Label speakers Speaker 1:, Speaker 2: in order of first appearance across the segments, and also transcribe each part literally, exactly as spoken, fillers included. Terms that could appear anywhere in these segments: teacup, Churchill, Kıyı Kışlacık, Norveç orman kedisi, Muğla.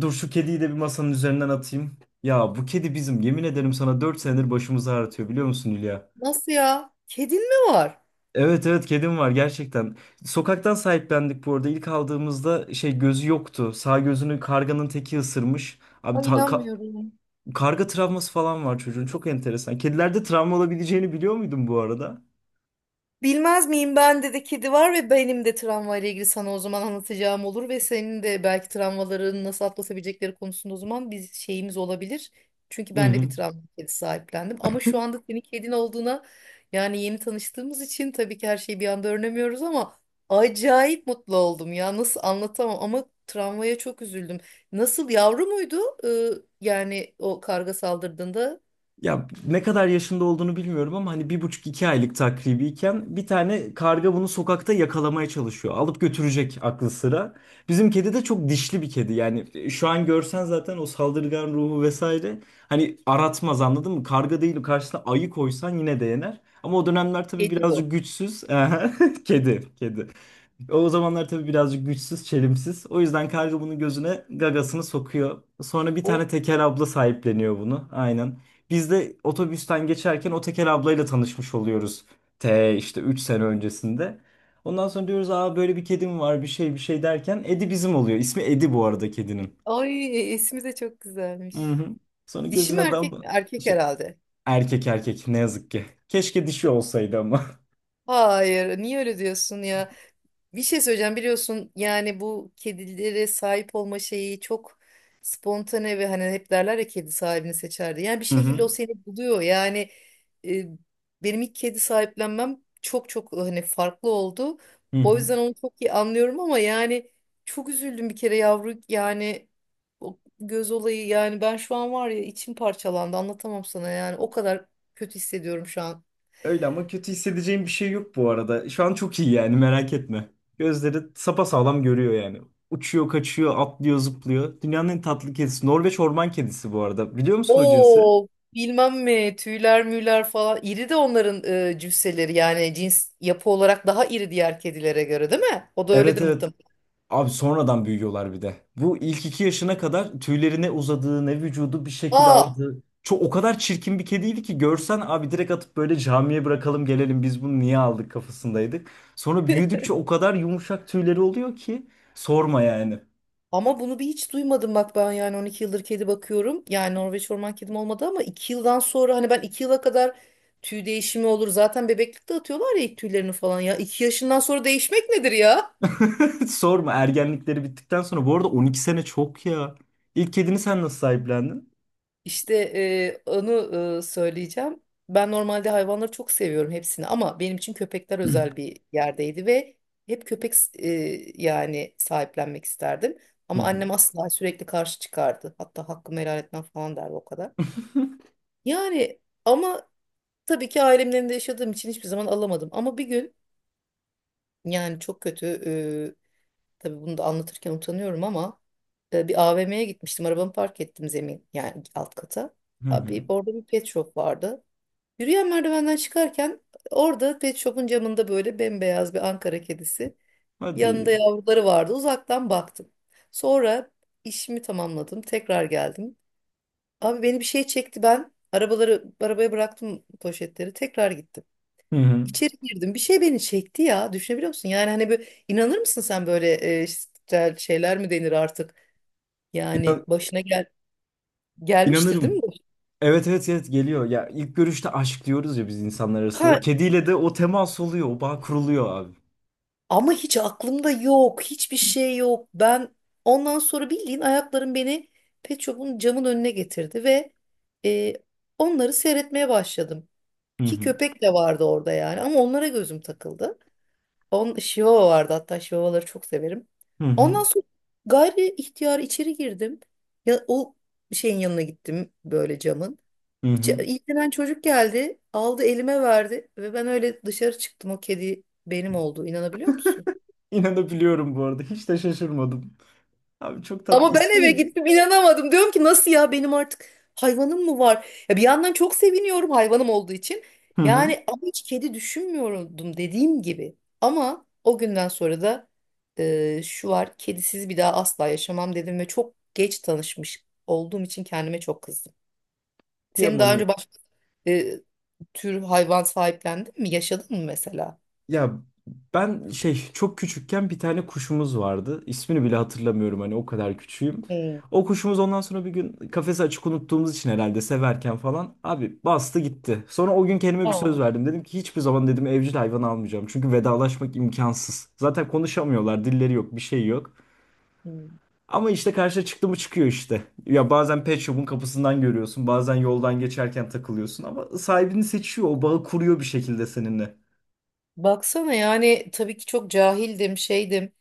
Speaker 1: Dur şu kediyi de bir masanın üzerinden atayım. Ya bu kedi bizim yemin ederim sana dört senedir başımızı ağrıtıyor biliyor musun, Hülya?
Speaker 2: Nasıl ya? Kedin mi var?
Speaker 1: Evet, evet, kedim var gerçekten. Sokaktan sahiplendik bu arada. İlk aldığımızda şey, gözü yoktu. Sağ gözünü karganın teki ısırmış. Abi
Speaker 2: Ay
Speaker 1: ta- ka-
Speaker 2: inanmıyorum.
Speaker 1: karga travması falan var çocuğun. Çok enteresan. Kedilerde travma olabileceğini biliyor muydun bu arada?
Speaker 2: Bilmez miyim, ben de kedi var ve benim de travmayla ilgili sana o zaman anlatacağım olur ve senin de belki travmaların nasıl atlatabilecekleri konusunda o zaman bir şeyimiz olabilir. Çünkü
Speaker 1: Hı
Speaker 2: ben de
Speaker 1: hı.
Speaker 2: bir travma kedi sahiplendim ama şu anda senin kedin olduğuna yani yeni tanıştığımız için tabii ki her şeyi bir anda öğrenemiyoruz ama acayip mutlu oldum ya, nasıl anlatamam, ama travmaya çok üzüldüm. Nasıl, yavru muydu? Ee, Yani o karga saldırdığında
Speaker 1: Ya ne kadar yaşında olduğunu bilmiyorum ama hani bir buçuk iki aylık takribiyken bir tane karga bunu sokakta yakalamaya çalışıyor. Alıp götürecek aklı sıra. Bizim kedi de çok dişli bir kedi. Yani şu an görsen zaten o saldırgan ruhu vesaire hani aratmaz, anladın mı? Karga değil, karşısına ayı koysan yine de yener. Ama o dönemler tabii
Speaker 2: kedi
Speaker 1: birazcık
Speaker 2: bu.
Speaker 1: güçsüz. Kedi, kedi. O zamanlar tabii birazcık güçsüz, çelimsiz. O yüzden karga bunun gözüne gagasını sokuyor. Sonra bir tane
Speaker 2: Oh,
Speaker 1: teker abla sahipleniyor bunu. Aynen. Biz de otobüsten geçerken o teker ablayla tanışmış oluyoruz. T işte üç sene öncesinde. Ondan sonra diyoruz aa böyle bir kedim var, bir şey bir şey derken Edi bizim oluyor. İsmi Edi bu arada kedinin.
Speaker 2: ay ismi de çok güzelmiş.
Speaker 1: Hı-hı. Sonra
Speaker 2: Dişi mi
Speaker 1: gözüne
Speaker 2: erkek
Speaker 1: dam
Speaker 2: mi? Erkek
Speaker 1: şey,
Speaker 2: herhalde.
Speaker 1: erkek, erkek ne yazık ki. Keşke dişi olsaydı ama.
Speaker 2: Hayır, niye öyle diyorsun ya? Bir şey söyleyeceğim, biliyorsun yani bu kedilere sahip olma şeyi çok spontane ve hani hep derler ya kedi sahibini seçerdi. Yani bir
Speaker 1: Hı
Speaker 2: şekilde o
Speaker 1: hı.
Speaker 2: seni buluyor yani e, benim ilk kedi sahiplenmem çok çok hani farklı oldu.
Speaker 1: Hı
Speaker 2: O
Speaker 1: hı.
Speaker 2: yüzden onu çok iyi anlıyorum ama yani çok üzüldüm bir kere, yavru yani, o göz olayı yani ben şu an var ya içim parçalandı, anlatamam sana, yani o kadar kötü hissediyorum şu an.
Speaker 1: Öyle ama kötü hissedeceğim bir şey yok bu arada. Şu an çok iyi, yani merak etme. Gözleri sapasağlam, görüyor yani. Uçuyor, kaçıyor, atlıyor, zıplıyor. Dünyanın en tatlı kedisi. Norveç orman kedisi bu arada. Biliyor musun o cinsi?
Speaker 2: O, bilmem mi, tüyler müyler falan, iri de onların e, cüsseleri yani, cins yapı olarak daha iri diğer kedilere göre değil mi? O da
Speaker 1: Evet,
Speaker 2: öyledir
Speaker 1: evet.
Speaker 2: muhtemelen.
Speaker 1: Abi sonradan büyüyorlar bir de. Bu ilk iki yaşına kadar tüylerine uzadığı ne vücudu bir şekil
Speaker 2: Aa,
Speaker 1: aldı. Çok, o kadar çirkin bir kediydi ki görsen abi direkt atıp böyle camiye bırakalım gelelim, biz bunu niye aldık kafasındaydık. Sonra büyüdükçe o kadar yumuşak tüyleri oluyor ki sorma yani.
Speaker 2: ama bunu bir hiç duymadım bak, ben yani on iki yıldır kedi bakıyorum. Yani Norveç orman kedim olmadı ama iki yıldan sonra hani, ben iki yıla kadar tüy değişimi olur. Zaten bebeklikte atıyorlar ya ilk tüylerini falan ya. İki yaşından sonra değişmek nedir ya?
Speaker 1: Hiç sorma, ergenlikleri bittikten sonra. Bu arada on iki sene çok ya. İlk kedini sen nasıl sahiplendin?
Speaker 2: İşte e, onu e, söyleyeceğim. Ben normalde hayvanları çok seviyorum hepsini ama benim için köpekler özel bir yerdeydi ve hep köpek e, yani sahiplenmek isterdim.
Speaker 1: Hı
Speaker 2: Ama
Speaker 1: hı.
Speaker 2: annem asla, sürekli karşı çıkardı. Hatta hakkımı helal etmem falan derdi, o kadar. Yani ama tabii ki ailemden de yaşadığım için hiçbir zaman alamadım. Ama bir gün yani çok kötü, e, tabii bunu da anlatırken utanıyorum ama e, bir A V M'ye gitmiştim. Arabamı park ettim zemin yani alt kata.
Speaker 1: Hı hı.
Speaker 2: Abi orada bir pet shop vardı. Yürüyen merdivenden çıkarken orada pet shop'un camında böyle bembeyaz bir Ankara kedisi. Yanında
Speaker 1: Hadi.
Speaker 2: yavruları vardı. Uzaktan baktım. Sonra işimi tamamladım. Tekrar geldim. Abi beni bir şey çekti ben. Arabaları, arabaya bıraktım poşetleri. Tekrar gittim.
Speaker 1: Hı hı.
Speaker 2: İçeri girdim. Bir şey beni çekti ya. Düşünebiliyor musun? Yani hani böyle inanır mısın sen böyle e, işte şeyler mi denir artık? Yani
Speaker 1: İnan-
Speaker 2: başına gel gelmiştir değil
Speaker 1: inanırım.
Speaker 2: mi bu?
Speaker 1: Evet, evet, evet, geliyor. Ya ilk görüşte aşk diyoruz ya biz insanlar arasında. O
Speaker 2: Ha,
Speaker 1: kediyle de o temas oluyor. O bağ kuruluyor abi.
Speaker 2: ama hiç aklımda yok. Hiçbir şey yok. Ben ondan sonra bildiğin ayaklarım beni Pet Shop'un camın önüne getirdi ve e, onları seyretmeye başladım.
Speaker 1: Hı
Speaker 2: Ki
Speaker 1: hı.
Speaker 2: köpek de vardı orada yani ama onlara gözüm takıldı. On, Şivava vardı hatta, Şivavaları çok severim.
Speaker 1: Hı hı.
Speaker 2: Ondan sonra gayri ihtiyar içeri girdim. Ya, o şeyin yanına gittim böyle, camın.
Speaker 1: Hı hı.
Speaker 2: Ç- İlgilenen çocuk geldi, aldı, elime verdi ve ben öyle dışarı çıktım, o kedi benim oldu, inanabiliyor musun?
Speaker 1: İnanabiliyorum bu arada. Hiç de şaşırmadım. Abi çok tatlı.
Speaker 2: Ama ben
Speaker 1: İsmi
Speaker 2: eve
Speaker 1: neydi?
Speaker 2: gittim, inanamadım. Diyorum ki nasıl ya, benim artık hayvanım mı var? Ya bir yandan çok seviniyorum hayvanım olduğu için.
Speaker 1: Hı hı.
Speaker 2: Yani ama hiç kedi düşünmüyordum, dediğim gibi. Ama o günden sonra da e, şu var, kedisiz bir daha asla yaşamam dedim ve çok geç tanışmış olduğum için kendime çok kızdım. Senin
Speaker 1: Kıyamam.
Speaker 2: daha önce başka e, tür hayvan sahiplendin mi? Yaşadın mı mesela?
Speaker 1: Ya ben şey, çok küçükken bir tane kuşumuz vardı. İsmini bile hatırlamıyorum, hani o kadar küçüğüm.
Speaker 2: Hmm.
Speaker 1: O kuşumuz ondan sonra bir gün kafesi açık unuttuğumuz için herhalde severken falan abi bastı gitti. Sonra o gün kendime bir
Speaker 2: Aa.
Speaker 1: söz verdim. Dedim ki hiçbir zaman dedim evcil hayvan almayacağım. Çünkü vedalaşmak imkansız. Zaten konuşamıyorlar, dilleri yok, bir şey yok.
Speaker 2: Hmm.
Speaker 1: Ama işte karşıya çıktı mı çıkıyor işte. Ya bazen pet shop'un kapısından görüyorsun, bazen yoldan geçerken takılıyorsun ama sahibini seçiyor, o bağı kuruyor bir şekilde seninle.
Speaker 2: Baksana, yani tabii ki çok cahildim, şeydim.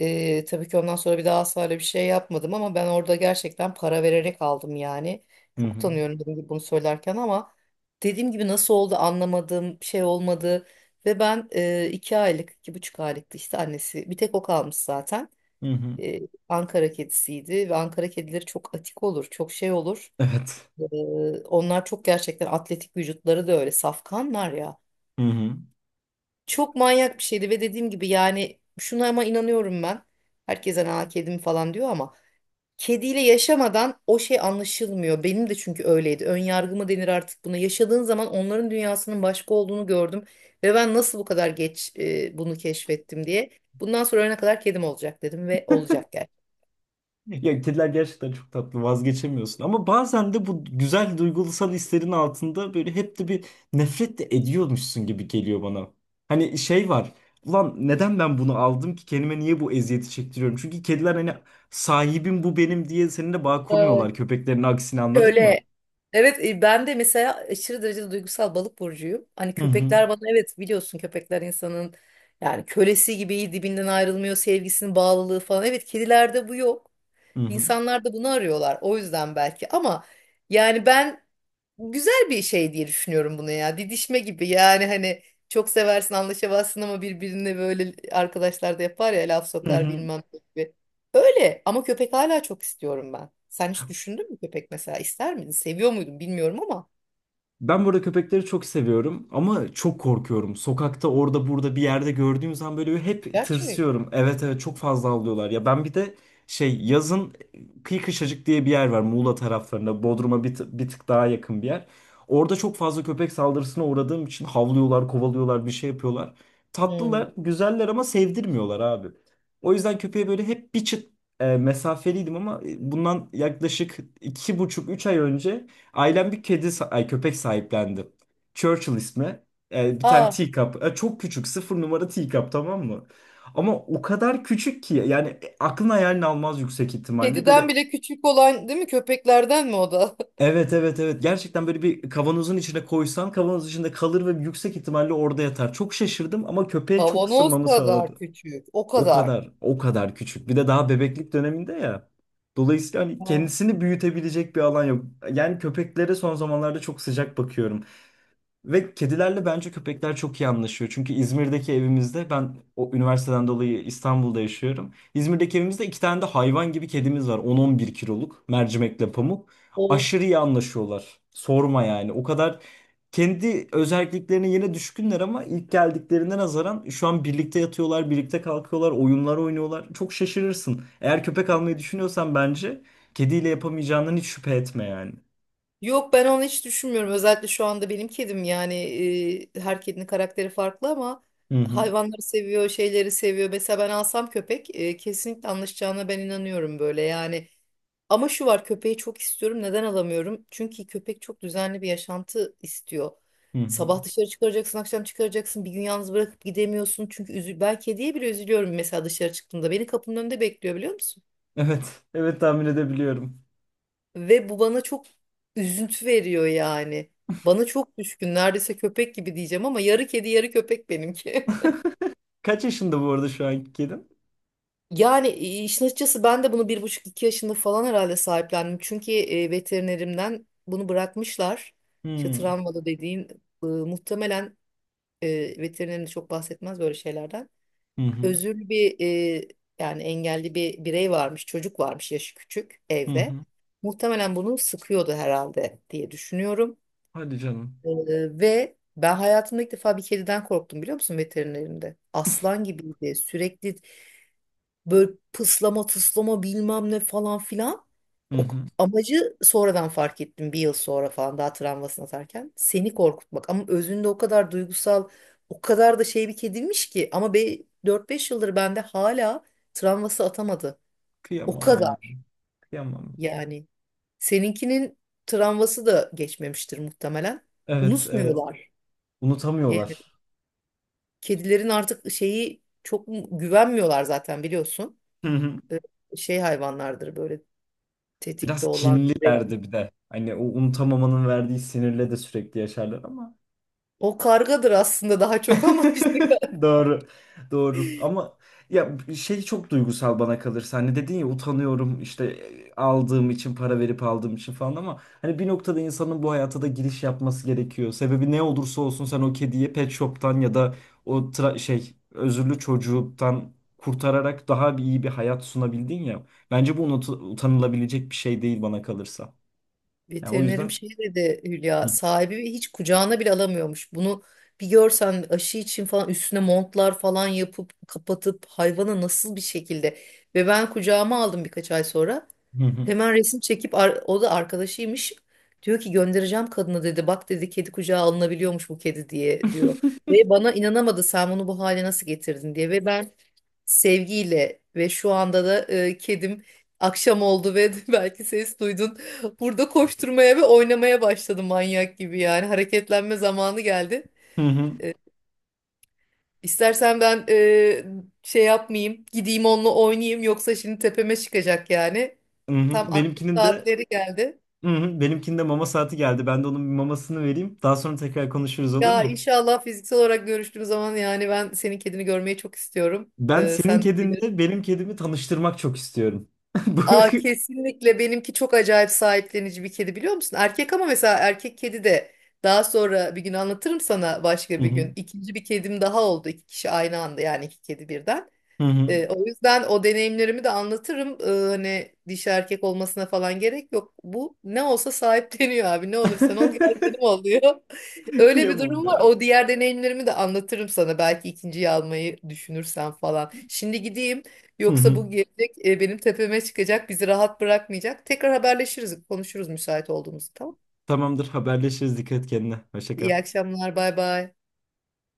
Speaker 2: Ee, tabii ki ondan sonra bir daha asla öyle bir şey yapmadım ama ben orada gerçekten para vererek aldım yani.
Speaker 1: Hı
Speaker 2: Çok
Speaker 1: hı.
Speaker 2: utanıyorum dediğim gibi bunu söylerken ama dediğim gibi nasıl oldu anlamadım, şey olmadı. Ve ben e, iki aylık, iki buçuk aylıktı işte, annesi bir tek o kalmış zaten.
Speaker 1: Hı hı.
Speaker 2: Ee, Ankara kedisiydi ve Ankara kedileri çok atik olur, çok şey olur.
Speaker 1: Evet.
Speaker 2: Ee, Onlar çok gerçekten atletik, vücutları da öyle, safkanlar ya.
Speaker 1: Hı hı.
Speaker 2: Çok manyak bir şeydi ve dediğim gibi yani şuna ama inanıyorum ben. Herkese, aa kedim falan diyor ama kediyle yaşamadan o şey anlaşılmıyor. Benim de çünkü öyleydi. Ön yargı mı denir artık buna. Yaşadığın zaman onların dünyasının başka olduğunu gördüm ve ben nasıl bu kadar geç e, bunu keşfettim diye. Bundan sonra ölene kadar kedim olacak dedim ve olacak gerçekten.
Speaker 1: Ya kediler gerçekten çok tatlı, vazgeçemiyorsun ama bazen de bu güzel duygusal hislerin altında böyle hep de bir nefret de ediyormuşsun gibi geliyor bana. Hani şey var, ulan neden ben bunu aldım ki kendime, niye bu eziyeti çektiriyorum? Çünkü kediler hani sahibim, bu benim diye seninle bağ kurmuyorlar, köpeklerin aksine, anladın mı?
Speaker 2: Şöyle, evet e, ben de mesela aşırı derecede duygusal, balık burcuyum. Hani
Speaker 1: Hı hı.
Speaker 2: köpekler bana, evet biliyorsun, köpekler insanın yani kölesi gibi iyi, dibinden ayrılmıyor, sevgisinin bağlılığı falan. Evet, kedilerde bu yok.
Speaker 1: Hı hı.
Speaker 2: İnsanlar da bunu arıyorlar o yüzden belki ama yani ben güzel bir şey diye düşünüyorum bunu ya. Didişme gibi yani, hani çok seversin, anlaşamazsın ama birbirine, böyle arkadaşlar da yapar ya laf
Speaker 1: Hı
Speaker 2: sokar
Speaker 1: hı.
Speaker 2: bilmem ne gibi. Öyle, ama köpek hala çok istiyorum ben. Sen hiç düşündün mü köpek mesela, ister miydin? Seviyor muydun, bilmiyorum ama.
Speaker 1: Ben burada köpekleri çok seviyorum ama çok korkuyorum. Sokakta orada burada bir yerde gördüğüm zaman böyle hep
Speaker 2: Gerçek.
Speaker 1: tırsıyorum. Evet, evet, çok fazla avlıyorlar. Ya ben bir de şey, yazın Kıyı Kışlacık diye bir yer var, Muğla taraflarında. Bodrum'a bir, tı- bir tık daha yakın bir yer. Orada çok fazla köpek saldırısına uğradığım için havlıyorlar, kovalıyorlar, bir şey yapıyorlar.
Speaker 2: Hmm.
Speaker 1: Tatlılar, güzeller ama sevdirmiyorlar abi. O yüzden köpeğe böyle hep bir çıt e, mesafeliydim ama e, bundan yaklaşık iki buçuk, üç ay önce ailem bir kedi, sa- ay köpek sahiplendi. Churchill ismi. Ee, bir tane
Speaker 2: Ha,
Speaker 1: teacup. Ee, çok küçük. Sıfır numara teacup, tamam mı? Ama o kadar küçük ki yani e, aklın hayalini almaz yüksek ihtimalle.
Speaker 2: kediden
Speaker 1: Böyle
Speaker 2: bile küçük olan değil mi? Köpeklerden mi o da?
Speaker 1: evet, evet, evet, gerçekten böyle bir kavanozun içine koysan kavanoz içinde kalır ve yüksek ihtimalle orada yatar. Çok şaşırdım ama köpeğe çok
Speaker 2: Kavanoz
Speaker 1: ısınmamı
Speaker 2: kadar
Speaker 1: sağladı.
Speaker 2: küçük. O
Speaker 1: O
Speaker 2: kadar.
Speaker 1: kadar, o kadar küçük. Bir de daha bebeklik döneminde ya. Dolayısıyla hani
Speaker 2: Aa.
Speaker 1: kendisini büyütebilecek bir alan yok. Yani köpeklere son zamanlarda çok sıcak bakıyorum. Ve kedilerle bence köpekler çok iyi anlaşıyor. Çünkü İzmir'deki evimizde, ben o üniversiteden dolayı İstanbul'da yaşıyorum. İzmir'deki evimizde iki tane de hayvan gibi kedimiz var. On on bir kiloluk mercimekle pamuk.
Speaker 2: O,
Speaker 1: Aşırı iyi anlaşıyorlar. Sorma yani. O kadar kendi özelliklerine yine düşkünler ama ilk geldiklerine nazaran şu an birlikte yatıyorlar, birlikte kalkıyorlar, oyunlar oynuyorlar. Çok şaşırırsın. Eğer köpek almayı düşünüyorsan bence kediyle yapamayacağından hiç şüphe etme yani.
Speaker 2: yok, ben onu hiç düşünmüyorum. Özellikle şu anda benim kedim yani e, her kedinin karakteri farklı ama
Speaker 1: Hı hı.
Speaker 2: hayvanları seviyor, şeyleri seviyor. Mesela ben alsam köpek e, kesinlikle anlaşacağına ben inanıyorum, böyle yani. Ama şu var, köpeği çok istiyorum. Neden alamıyorum? Çünkü köpek çok düzenli bir yaşantı istiyor.
Speaker 1: Hı hı.
Speaker 2: Sabah dışarı çıkaracaksın, akşam çıkaracaksın. Bir gün yalnız bırakıp gidemiyorsun. Çünkü üzü ben kediye bile üzülüyorum mesela dışarı çıktığımda. Beni kapının önünde bekliyor, biliyor musun?
Speaker 1: Evet. Evet, tahmin edebiliyorum.
Speaker 2: Ve bu bana çok üzüntü veriyor yani. Bana çok düşkün, neredeyse köpek gibi diyeceğim ama yarı kedi yarı köpek benimki.
Speaker 1: Kaç yaşında bu arada şu anki kedin?
Speaker 2: Yani e, işin açıkçası ben de bunu bir buçuk, iki yaşında falan herhalde sahiplendim. Çünkü e, veterinerimden bunu bırakmışlar. İşte
Speaker 1: Hmm.
Speaker 2: travmalı dediğin e, muhtemelen e, veterinerin de çok bahsetmez böyle şeylerden.
Speaker 1: Hı hı.
Speaker 2: Özürlü bir e, yani engelli bir birey varmış, çocuk varmış, yaşı küçük
Speaker 1: Hı
Speaker 2: evde.
Speaker 1: hı.
Speaker 2: Muhtemelen bunu sıkıyordu herhalde diye düşünüyorum.
Speaker 1: Hadi canım.
Speaker 2: Ee, Ve ben hayatımda ilk defa bir kediden korktum, biliyor musun, veterinerinde. Aslan gibiydi. Sürekli böyle pıslama tıslama bilmem ne falan filan.
Speaker 1: Hı
Speaker 2: O,
Speaker 1: hı.
Speaker 2: amacı sonradan fark ettim bir yıl sonra falan, daha travmasını atarken. Seni korkutmak, ama özünde o kadar duygusal, o kadar da şey bir kediymiş ki. Ama be, dört beş yıldır bende hala travması atamadı. O
Speaker 1: Kıyamam ya.
Speaker 2: kadar
Speaker 1: Kıyamam.
Speaker 2: yani. Seninkinin travması da geçmemiştir muhtemelen.
Speaker 1: Evet, evet.
Speaker 2: Unutmuyorlar.
Speaker 1: Unutamıyorlar.
Speaker 2: Kedilerin artık şeyi çok güvenmiyorlar zaten biliyorsun.
Speaker 1: Hı hı.
Speaker 2: Ee, Şey hayvanlardır böyle, tetikte
Speaker 1: Biraz
Speaker 2: olan sürekli.
Speaker 1: kinlilerdi bir de. Hani o unutamamanın verdiği sinirle de sürekli yaşarlar ama.
Speaker 2: O kargadır aslında daha çok ama, işte
Speaker 1: Doğru. Doğru. Ama ya şey, çok duygusal bana kalırsa. Hani dedin ya utanıyorum işte e, aldığım için, para verip aldığım için falan ama hani bir noktada insanın bu hayata da giriş yapması gerekiyor. Sebebi ne olursa olsun sen o kediyi pet shop'tan ya da o tra- şey özürlü çocuktan kurtararak daha bir iyi bir hayat sunabildin ya. Bence bu unut- utanılabilecek bir şey değil bana kalırsa. Yani o
Speaker 2: veterinerim
Speaker 1: yüzden.
Speaker 2: şey dedi, Hülya,
Speaker 1: Hı
Speaker 2: sahibi hiç kucağına bile alamıyormuş. Bunu bir görsen, aşı için falan üstüne montlar falan yapıp kapatıp hayvana nasıl bir şekilde, ve ben kucağıma aldım birkaç ay sonra.
Speaker 1: hı.
Speaker 2: Hemen resim çekip ar- o da arkadaşıymış. Diyor ki göndereceğim kadına, dedi. Bak, dedi, kedi kucağa alınabiliyormuş, bu kedi, diye diyor. Ve bana inanamadı, sen bunu bu hale nasıl getirdin diye. Ve ben sevgiyle ve şu anda da e, kedim, akşam oldu ve belki ses duydun. Burada koşturmaya ve oynamaya başladı manyak gibi yani. Hareketlenme zamanı geldi.
Speaker 1: Hı hı.
Speaker 2: İstersen ben e, şey yapmayayım, gideyim onunla oynayayım yoksa şimdi tepeme çıkacak yani.
Speaker 1: Hı
Speaker 2: Tam
Speaker 1: hı.
Speaker 2: aklı
Speaker 1: Benimkinin de.
Speaker 2: saatleri geldi.
Speaker 1: Hı hı. Benimkinde mama saati geldi. Ben de onun bir mamasını vereyim. Daha sonra tekrar konuşuruz, olur
Speaker 2: Ya
Speaker 1: mu?
Speaker 2: inşallah fiziksel olarak görüştüğümüz zaman yani ben senin kedini görmeyi çok istiyorum.
Speaker 1: Ben
Speaker 2: Ee,
Speaker 1: senin
Speaker 2: sen de gelir.
Speaker 1: kedinle benim kedimi tanıştırmak çok istiyorum. Bu...
Speaker 2: Aa kesinlikle, benimki çok acayip sahiplenici bir kedi, biliyor musun? Erkek, ama mesela erkek kedi de, daha sonra bir gün anlatırım sana, başka
Speaker 1: Hı
Speaker 2: bir
Speaker 1: hı,
Speaker 2: gün. İkinci bir kedim daha oldu. İki kişi aynı anda yani, iki kedi birden.
Speaker 1: hı hı.
Speaker 2: Ee, o yüzden o deneyimlerimi de anlatırım. Ee, hani dişi erkek olmasına falan gerek yok. Bu ne olsa sahipleniyor abi. Ne olursan ol, gel benim ol diyor. Öyle bir
Speaker 1: Kıyamam
Speaker 2: durum var.
Speaker 1: ya.
Speaker 2: O diğer deneyimlerimi de anlatırım sana. Belki ikinciyi almayı düşünürsen falan. Şimdi gideyim.
Speaker 1: Hı
Speaker 2: Yoksa
Speaker 1: hı.
Speaker 2: bu gelecek e, benim tepeme çıkacak. Bizi rahat bırakmayacak. Tekrar haberleşiriz. Konuşuruz müsait olduğumuzda. Tamam.
Speaker 1: Tamamdır, haberleşiriz. Dikkat et kendine. Hoşça kal.
Speaker 2: İyi akşamlar. Bay bay.